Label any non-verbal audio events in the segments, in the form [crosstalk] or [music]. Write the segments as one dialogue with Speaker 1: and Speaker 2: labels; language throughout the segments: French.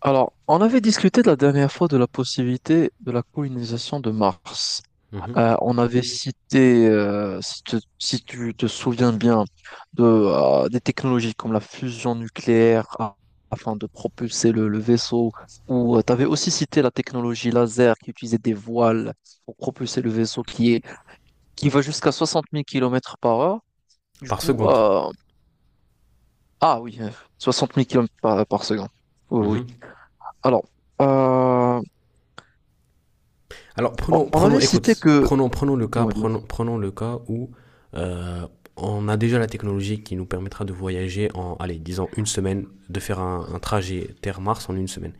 Speaker 1: Alors, on avait discuté de la dernière fois de la possibilité de la colonisation de Mars.
Speaker 2: Mhm.
Speaker 1: On avait cité, si tu te souviens bien, des technologies comme la fusion nucléaire afin de propulser le vaisseau, ou tu avais aussi cité la technologie laser qui utilisait des voiles pour propulser le vaisseau qui va jusqu'à 60 000 km par heure. Du
Speaker 2: Par
Speaker 1: coup,
Speaker 2: seconde.
Speaker 1: ah oui, 60 000 km par seconde. Oui, oui.
Speaker 2: Mhm.
Speaker 1: Alors, euh,
Speaker 2: Alors
Speaker 1: On
Speaker 2: prenons,
Speaker 1: on
Speaker 2: prenons,
Speaker 1: avait cité
Speaker 2: écoute,
Speaker 1: que,
Speaker 2: prenons, prenons le cas,
Speaker 1: dis-moi bien.
Speaker 2: prenons, prenons le cas où euh, on a déjà la technologie qui nous permettra de voyager en, allez, disons une semaine, de faire un trajet Terre-Mars en une semaine.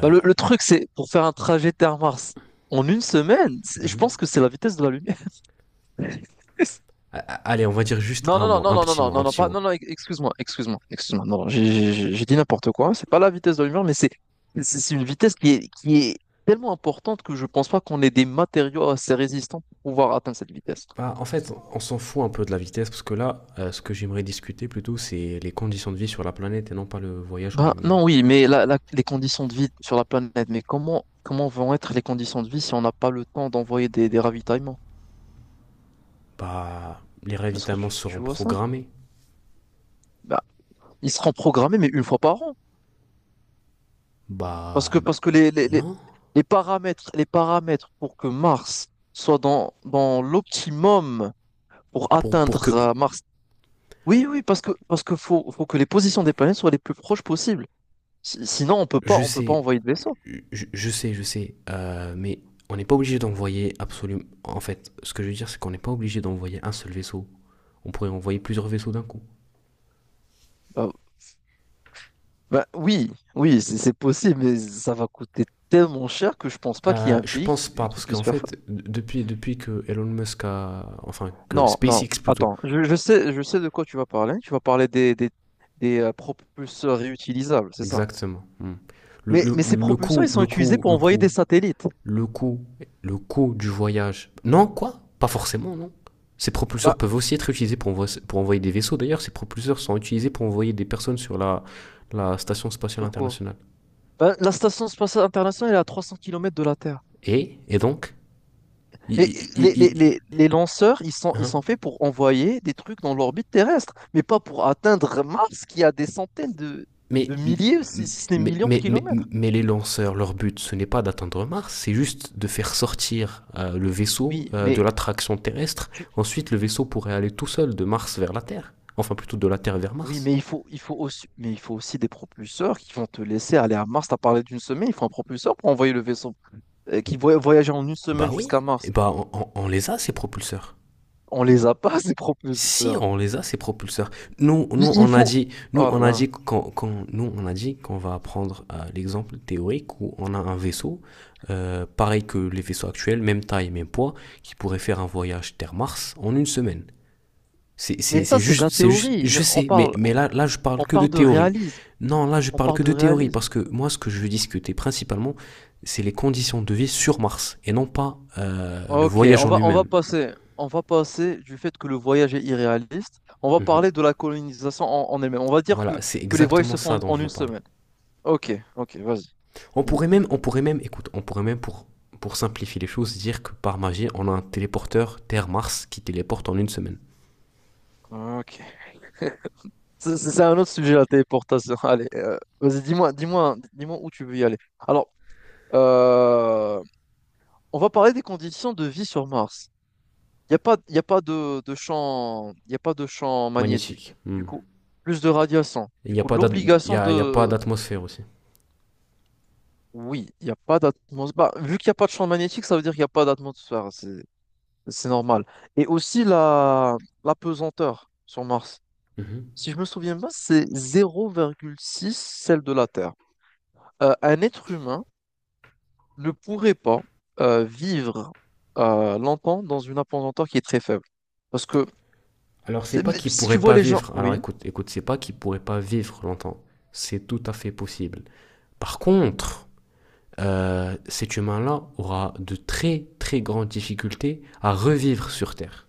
Speaker 1: Bah, le truc, c'est pour faire un trajet Terre-Mars en une semaine, je pense
Speaker 2: Mhm.
Speaker 1: que c'est la vitesse de la lumière. [laughs]
Speaker 2: Allez, on va dire juste
Speaker 1: Non,
Speaker 2: un
Speaker 1: non, non,
Speaker 2: mois,
Speaker 1: non,
Speaker 2: un
Speaker 1: non, non,
Speaker 2: petit
Speaker 1: non,
Speaker 2: mois,
Speaker 1: non,
Speaker 2: un
Speaker 1: non,
Speaker 2: petit
Speaker 1: pas,
Speaker 2: mois.
Speaker 1: non, non, excuse-moi, excuse-moi, excuse-moi. Non, non, j'ai dit n'importe quoi. C'est pas la vitesse de la lumière, mais c'est une vitesse qui est tellement importante que je pense pas qu'on ait des matériaux assez résistants pour pouvoir atteindre cette vitesse.
Speaker 2: Bah, en fait, on s'en fout un peu de la vitesse parce que là, ce que j'aimerais discuter plutôt, c'est les conditions de vie sur la planète et non pas le voyage en
Speaker 1: Ben
Speaker 2: lui-même.
Speaker 1: non, oui, mais les conditions de vie sur la planète, mais comment vont être les conditions de vie si on n'a pas le temps d'envoyer des ravitaillements?
Speaker 2: Bah, les
Speaker 1: Est-ce que
Speaker 2: ravitaillements seront
Speaker 1: tu vois ça?
Speaker 2: programmés.
Speaker 1: Bah, il sera programmé, mais une fois par an. Parce
Speaker 2: Bah,
Speaker 1: que, parce que
Speaker 2: non.
Speaker 1: les paramètres pour que Mars soit dans l'optimum pour
Speaker 2: Pour que,
Speaker 1: atteindre Mars. Oui, oui, parce que faut que les positions des planètes soient les plus proches possibles. Sinon,
Speaker 2: je
Speaker 1: on peut pas
Speaker 2: sais,
Speaker 1: envoyer de vaisseau.
Speaker 2: je sais, mais on n'est pas obligé d'envoyer absolument. En fait, ce que je veux dire, c'est qu'on n'est pas obligé d'envoyer un seul vaisseau. On pourrait envoyer plusieurs vaisseaux d'un coup.
Speaker 1: Euh, Bah oui, oui, c'est possible, mais ça va coûter tellement cher que je pense pas qu'il y ait un
Speaker 2: Je
Speaker 1: pays
Speaker 2: pense pas,
Speaker 1: qui
Speaker 2: parce
Speaker 1: puisse
Speaker 2: qu'en
Speaker 1: faire ça.
Speaker 2: fait, depuis que Elon Musk a. Enfin, que
Speaker 1: Non, non,
Speaker 2: SpaceX plutôt,
Speaker 1: attends, je sais, de quoi tu vas parler. Tu vas parler des propulseurs réutilisables, c'est ça?
Speaker 2: exactement. Hmm. Le, le,
Speaker 1: Mais ces
Speaker 2: le
Speaker 1: propulseurs, ils
Speaker 2: coût,
Speaker 1: sont
Speaker 2: le
Speaker 1: utilisés
Speaker 2: coût,
Speaker 1: pour
Speaker 2: le
Speaker 1: envoyer des
Speaker 2: coût
Speaker 1: satellites.
Speaker 2: le coût, du voyage. Non, quoi. Pas forcément, non. Ces propulseurs
Speaker 1: Bah,
Speaker 2: peuvent aussi être utilisés pour envoyer des vaisseaux. D'ailleurs, ces propulseurs sont utilisés pour envoyer des personnes sur la station spatiale
Speaker 1: sur quoi?
Speaker 2: internationale.
Speaker 1: Bah, la station spatiale internationale elle est à 300 kilomètres de la Terre.
Speaker 2: Et donc, I- i-
Speaker 1: Et
Speaker 2: i- i-
Speaker 1: les lanceurs, ils
Speaker 2: hein,
Speaker 1: sont faits pour envoyer des trucs dans l'orbite terrestre, mais pas pour atteindre Mars qui a des centaines
Speaker 2: mais,
Speaker 1: de milliers, si ce n'est
Speaker 2: mais,
Speaker 1: millions de
Speaker 2: mais, mais,
Speaker 1: kilomètres.
Speaker 2: mais les lanceurs, leur but, ce n'est pas d'atteindre Mars, c'est juste de faire sortir le vaisseau
Speaker 1: Oui,
Speaker 2: de
Speaker 1: mais,
Speaker 2: l'attraction terrestre.
Speaker 1: tu-
Speaker 2: Ensuite, le vaisseau pourrait aller tout seul de Mars vers la Terre. Enfin, plutôt de la Terre vers
Speaker 1: oui,
Speaker 2: Mars.
Speaker 1: mais, il faut aussi des propulseurs qui vont te laisser aller à Mars. T'as parlé d'une semaine, il faut un propulseur pour envoyer le vaisseau qui voyager en une semaine
Speaker 2: Bah oui,
Speaker 1: jusqu'à
Speaker 2: et
Speaker 1: Mars.
Speaker 2: bah on les a ces propulseurs.
Speaker 1: On les a pas, [laughs] ces
Speaker 2: Si
Speaker 1: propulseurs.
Speaker 2: on les a ces propulseurs. Nous,
Speaker 1: Il,
Speaker 2: nous
Speaker 1: il
Speaker 2: on a
Speaker 1: faut.
Speaker 2: dit,
Speaker 1: Oh là là.
Speaker 2: qu'on va prendre l'exemple théorique où on a un vaisseau pareil que les vaisseaux actuels, même taille, même poids, qui pourrait faire un voyage Terre-Mars en une semaine. C'est,
Speaker 1: Mais
Speaker 2: c'est,
Speaker 1: ça,
Speaker 2: c'est
Speaker 1: c'est de
Speaker 2: juste,
Speaker 1: la
Speaker 2: c'est juste,
Speaker 1: théorie. Mais
Speaker 2: je sais, mais, mais là je parle
Speaker 1: on
Speaker 2: que de
Speaker 1: parle de
Speaker 2: théorie.
Speaker 1: réalisme.
Speaker 2: Non, là je
Speaker 1: On
Speaker 2: parle
Speaker 1: parle
Speaker 2: que
Speaker 1: de
Speaker 2: de théorie
Speaker 1: réalisme.
Speaker 2: parce que moi ce que je veux discuter principalement, c'est les conditions de vie sur Mars et non pas le
Speaker 1: Ok,
Speaker 2: voyage en lui-même.
Speaker 1: on va passer du fait que le voyage est irréaliste. On va
Speaker 2: Mhm.
Speaker 1: parler de la colonisation en elle-même. On va dire
Speaker 2: Voilà, c'est
Speaker 1: que les voyages
Speaker 2: exactement
Speaker 1: se
Speaker 2: ça
Speaker 1: font
Speaker 2: dont je
Speaker 1: en
Speaker 2: veux
Speaker 1: une
Speaker 2: parler.
Speaker 1: semaine. Ok, ok, vas-y,
Speaker 2: On pourrait
Speaker 1: dis-moi.
Speaker 2: même, on pourrait même, écoute, on pourrait même, pour simplifier les choses, dire que par magie, on a un téléporteur Terre-Mars qui téléporte en une semaine.
Speaker 1: Ok. C'est un autre sujet, la téléportation. [laughs] Allez, vas-y, dis-moi, dis-moi, dis-moi où tu veux y aller. Alors, euh, on va parler des conditions de vie sur Mars. Il n'y a pas, y a pas Il y a pas de champ
Speaker 2: Magnétique.
Speaker 1: magnétique.
Speaker 2: Hmm.
Speaker 1: Du coup, plus de radiation.
Speaker 2: Il
Speaker 1: Du
Speaker 2: n'y a
Speaker 1: coup,
Speaker 2: pas d'at- il y
Speaker 1: l'obligation
Speaker 2: a, il y a pas
Speaker 1: de.
Speaker 2: d'atmosphère aussi.
Speaker 1: Oui, il n'y a pas d'atmosphère. Bah, vu qu'il n'y a pas de champ magnétique, ça veut dire qu'il n'y a pas d'atmosphère. C'est normal. Et aussi la pesanteur sur Mars.
Speaker 2: Mhm.
Speaker 1: Si je me souviens bien, c'est 0,6 celle de la Terre. Un être humain ne pourrait pas vivre longtemps dans une pesanteur qui est très faible. Parce que.
Speaker 2: Alors c'est
Speaker 1: T'es-
Speaker 2: pas
Speaker 1: mais
Speaker 2: qu'il
Speaker 1: Si tu
Speaker 2: pourrait
Speaker 1: vois
Speaker 2: pas
Speaker 1: les gens,
Speaker 2: vivre. Alors
Speaker 1: oui.
Speaker 2: écoute, c'est pas qu'il pourrait pas vivre longtemps. C'est tout à fait possible. Par contre, cet humain-là aura de très très grandes difficultés à revivre sur Terre.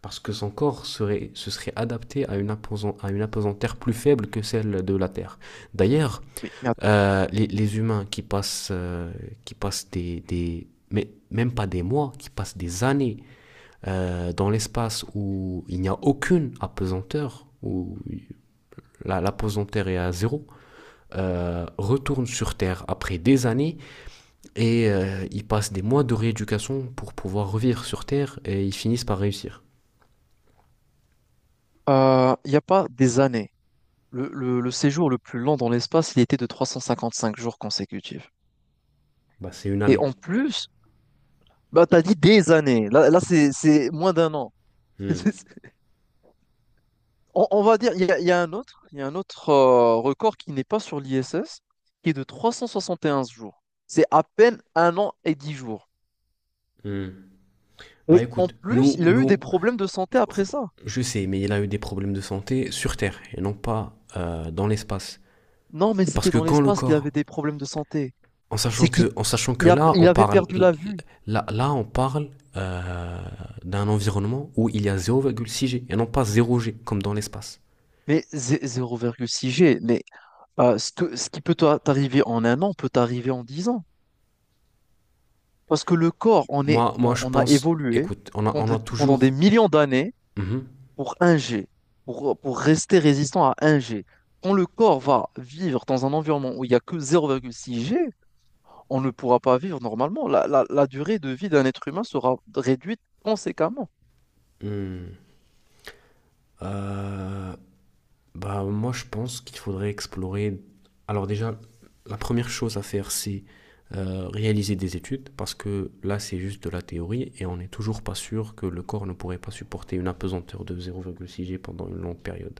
Speaker 2: Parce que son corps serait, se serait adapté à une apesanteur plus faible que celle de la Terre. D'ailleurs,
Speaker 1: Oui, mais
Speaker 2: les humains qui passent mais même pas des mois, qui passent des années dans l'espace où il n'y a aucune apesanteur, où l'apesanteur est à zéro, retournent sur Terre après des années et ils passent des mois de rééducation pour pouvoir revivre sur Terre et ils finissent par réussir.
Speaker 1: il n'y a pas des années. Le séjour le plus long dans l'espace, il était de 355 jours consécutifs.
Speaker 2: Bah, c'est une
Speaker 1: Et
Speaker 2: année.
Speaker 1: en plus, bah, tu as dit des années. Là c'est moins d'un an.
Speaker 2: Hmm,
Speaker 1: [laughs] On va dire, il y a un autre record qui n'est pas sur l'ISS, qui est de 371 jours. C'est à peine un an et 10 jours.
Speaker 2: hmm. Bah
Speaker 1: Et en
Speaker 2: écoute,
Speaker 1: plus,
Speaker 2: nous,
Speaker 1: il a eu
Speaker 2: nous,
Speaker 1: des problèmes de santé après ça.
Speaker 2: je sais, mais il a eu des problèmes de santé sur Terre et non pas dans l'espace.
Speaker 1: Non, mais
Speaker 2: Parce
Speaker 1: c'était
Speaker 2: que
Speaker 1: dans
Speaker 2: quand le
Speaker 1: l'espace qu'il avait
Speaker 2: corps,
Speaker 1: des problèmes de santé.
Speaker 2: en
Speaker 1: C'est
Speaker 2: sachant
Speaker 1: qu'il
Speaker 2: que, en sachant que
Speaker 1: il a-
Speaker 2: là,
Speaker 1: il
Speaker 2: on
Speaker 1: avait
Speaker 2: parle,
Speaker 1: perdu la vue.
Speaker 2: là, on parle euh, d'un environnement où il y a 0,6 G et non pas 0 G comme dans l'espace.
Speaker 1: Mais 0,6 G, mais ce qui peut t'arriver en un an peut t'arriver en 10 ans. Parce que le corps, on est,
Speaker 2: Moi,
Speaker 1: on,
Speaker 2: je
Speaker 1: on a
Speaker 2: pense,
Speaker 1: évolué
Speaker 2: écoute, on a
Speaker 1: pendant des
Speaker 2: toujours.
Speaker 1: millions d'années
Speaker 2: Mhm.
Speaker 1: pour un G, pour rester résistant à un G. Quand le corps va vivre dans un environnement où il n'y a que 0,6 G, on ne pourra pas vivre normalement. La durée de vie d'un être humain sera réduite conséquemment.
Speaker 2: Hmm. Euh, Bah, moi, je pense qu'il faudrait explorer. Alors, déjà, la première chose à faire, c'est réaliser des études, parce que là, c'est juste de la théorie et on n'est toujours pas sûr que le corps ne pourrait pas supporter une apesanteur de 0,6 G pendant une longue période.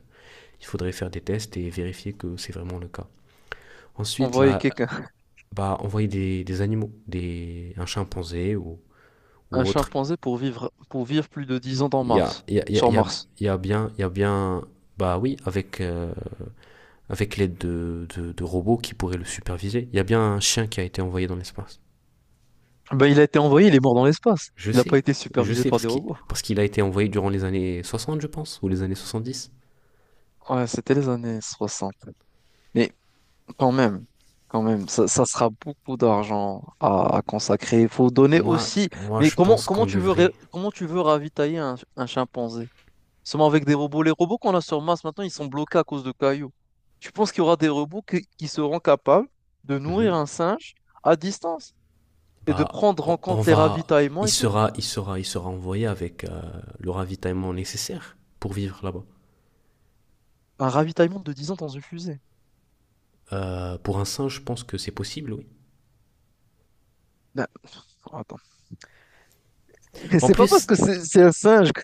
Speaker 2: Il faudrait faire des tests et vérifier que c'est vraiment le cas. Ensuite,
Speaker 1: Envoyer
Speaker 2: là,
Speaker 1: quelqu'un,
Speaker 2: bah, envoyer des animaux, un chimpanzé ou,
Speaker 1: [laughs] un
Speaker 2: ou autre.
Speaker 1: chimpanzé pour vivre, plus de 10 ans
Speaker 2: Il y a, il y a- il y
Speaker 1: Sur
Speaker 2: a-
Speaker 1: Mars.
Speaker 2: il y a- Il y a bien, bah oui, avec avec l'aide de robots qui pourraient le superviser. Il y a bien un chien qui a été envoyé dans l'espace.
Speaker 1: Ben, il a été envoyé, il est mort dans l'espace.
Speaker 2: Je
Speaker 1: Il n'a pas
Speaker 2: sais,
Speaker 1: été
Speaker 2: je
Speaker 1: supervisé
Speaker 2: sais,
Speaker 1: par
Speaker 2: parce
Speaker 1: des
Speaker 2: qu'il,
Speaker 1: robots.
Speaker 2: parce qu'il a été envoyé durant les années 60, je pense, ou les années 70.
Speaker 1: Ouais, c'était les années 60. Mais quand même, quand même, ça sera beaucoup d'argent à consacrer. Il faut donner
Speaker 2: Moi,
Speaker 1: aussi.
Speaker 2: moi
Speaker 1: Mais
Speaker 2: je pense qu'on devrait.
Speaker 1: comment tu veux ravitailler un chimpanzé? Seulement avec des robots, les robots qu'on a sur Mars maintenant, ils sont bloqués à cause de cailloux. Tu penses qu'il y aura des robots qui seront capables de nourrir
Speaker 2: Mhm.
Speaker 1: un singe à distance et de
Speaker 2: Bah,
Speaker 1: prendre en
Speaker 2: on
Speaker 1: compte les
Speaker 2: va.
Speaker 1: ravitaillements
Speaker 2: Il
Speaker 1: et tout?
Speaker 2: sera, il sera, il sera envoyé avec le ravitaillement nécessaire pour vivre là-bas.
Speaker 1: Un ravitaillement de 10 ans dans une fusée.
Speaker 2: Pour un singe, je pense que c'est possible, oui.
Speaker 1: Non, attends. Mais
Speaker 2: En
Speaker 1: c'est pas parce
Speaker 2: plus,
Speaker 1: que c'est un singe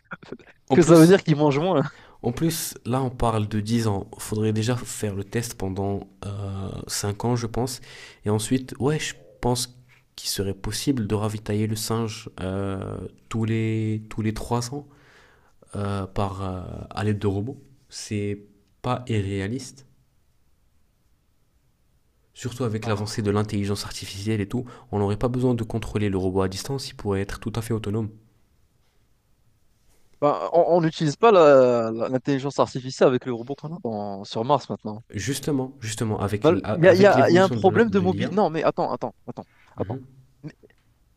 Speaker 2: en
Speaker 1: que ça veut
Speaker 2: plus,
Speaker 1: dire qu'il mange moins.
Speaker 2: En plus, là, on parle de 10 ans. Il faudrait déjà faire le test pendant 5 ans, je pense. Et ensuite, ouais, je pense qu'il serait possible de ravitailler le singe tous les 3 ans euh, par, euh, à l'aide de robots. C'est pas irréaliste. Surtout avec l'avancée
Speaker 1: Ah.
Speaker 2: de l'intelligence artificielle et tout, on n'aurait pas besoin de contrôler le robot à distance, il pourrait être tout à fait autonome.
Speaker 1: Bah, on n'utilise pas l'intelligence artificielle avec le robot qu'on a sur Mars maintenant.
Speaker 2: Justement, avec,
Speaker 1: Bah,
Speaker 2: avec
Speaker 1: il y a un
Speaker 2: l'évolution de
Speaker 1: problème de
Speaker 2: de l'IA.
Speaker 1: mobilité. Non, mais attends, attends, attends, attends.
Speaker 2: Mhm,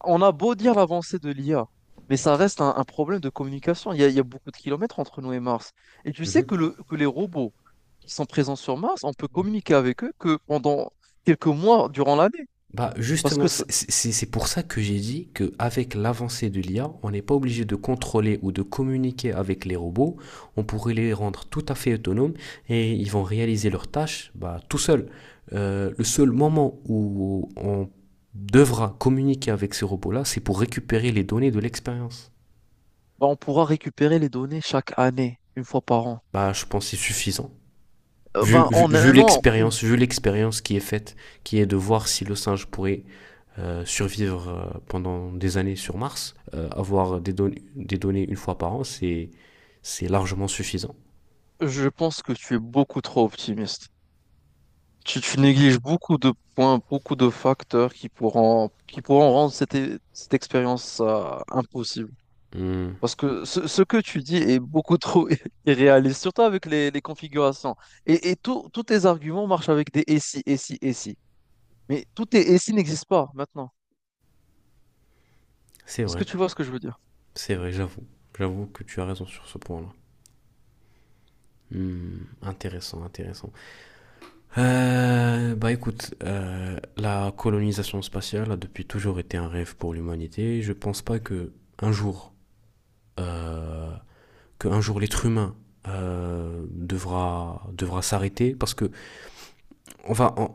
Speaker 1: On a beau dire l'avancée de l'IA, mais ça reste un problème de communication. Il y a beaucoup de kilomètres entre nous et Mars. Et tu sais
Speaker 2: mhm.
Speaker 1: que les robots qui sont présents sur Mars, on peut communiquer avec eux que pendant quelques mois durant l'année,
Speaker 2: Bah
Speaker 1: parce que
Speaker 2: justement, c'est pour ça que j'ai dit qu'avec l'avancée de l'IA, on n'est pas obligé de contrôler ou de communiquer avec les robots. On pourrait les rendre tout à fait autonomes et ils vont réaliser leurs tâches bah, tout seuls. Le seul moment où on devra communiquer avec ces robots-là, c'est pour récupérer les données de l'expérience.
Speaker 1: bah, on pourra récupérer les données chaque année, une fois par an.
Speaker 2: Bah, je pense que c'est suffisant. Vu,
Speaker 1: Ben,
Speaker 2: vu,
Speaker 1: en
Speaker 2: vu
Speaker 1: un an, une-
Speaker 2: l'expérience, vu l'expérience qui est faite, qui est de voir si le singe pourrait survivre pendant des années sur Mars, avoir des données une fois par an, c'est largement suffisant.
Speaker 1: je pense que tu es beaucoup trop optimiste. Tu négliges beaucoup de points, beaucoup de facteurs qui pourront, rendre cette expérience, impossible.
Speaker 2: Hmm,
Speaker 1: Parce que ce que tu dis est beaucoup trop [laughs] irréaliste, surtout avec les configurations. Tous tes arguments marchent avec des et si, et si, et si. Mais tout tes et si n'existe pas maintenant.
Speaker 2: c'est
Speaker 1: Est-ce que
Speaker 2: vrai,
Speaker 1: tu vois ce que je veux dire?
Speaker 2: c'est vrai, j'avoue. J'avoue que tu as raison sur ce point-là. Hmm, intéressant, intéressant. Bah écoute, la colonisation spatiale a depuis toujours été un rêve pour l'humanité. Je pense pas que un jour, euh, l'être humain devra s'arrêter parce que on va, on,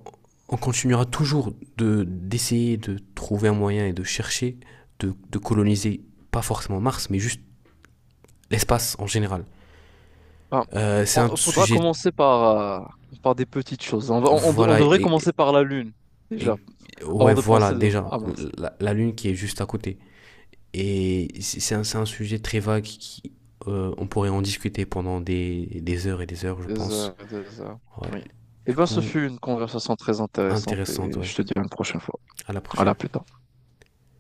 Speaker 2: on continuera toujours de d'essayer de trouver un moyen et de chercher de coloniser pas forcément Mars, mais juste l'espace en général.
Speaker 1: Enfin,
Speaker 2: C'est un
Speaker 1: faudra
Speaker 2: sujet,
Speaker 1: commencer par des petites choses. On, va- on de- on
Speaker 2: voilà,
Speaker 1: devrait commencer par la Lune,
Speaker 2: et-
Speaker 1: déjà, avant
Speaker 2: ouais,
Speaker 1: de
Speaker 2: voilà
Speaker 1: penser
Speaker 2: déjà
Speaker 1: à Mars.
Speaker 2: la Lune qui est juste à côté. Et c'est un sujet très vague qui, on pourrait en discuter pendant des heures et des heures, je
Speaker 1: Des
Speaker 2: pense.
Speaker 1: heures, des heures.
Speaker 2: Ouais.
Speaker 1: Oui. Eh
Speaker 2: Du
Speaker 1: bien, ce
Speaker 2: coup,
Speaker 1: fut une conversation très intéressante
Speaker 2: intéressante,
Speaker 1: et je
Speaker 2: ouais.
Speaker 1: te dis à une prochaine fois.
Speaker 2: À la
Speaker 1: À la
Speaker 2: prochaine.
Speaker 1: plus tard.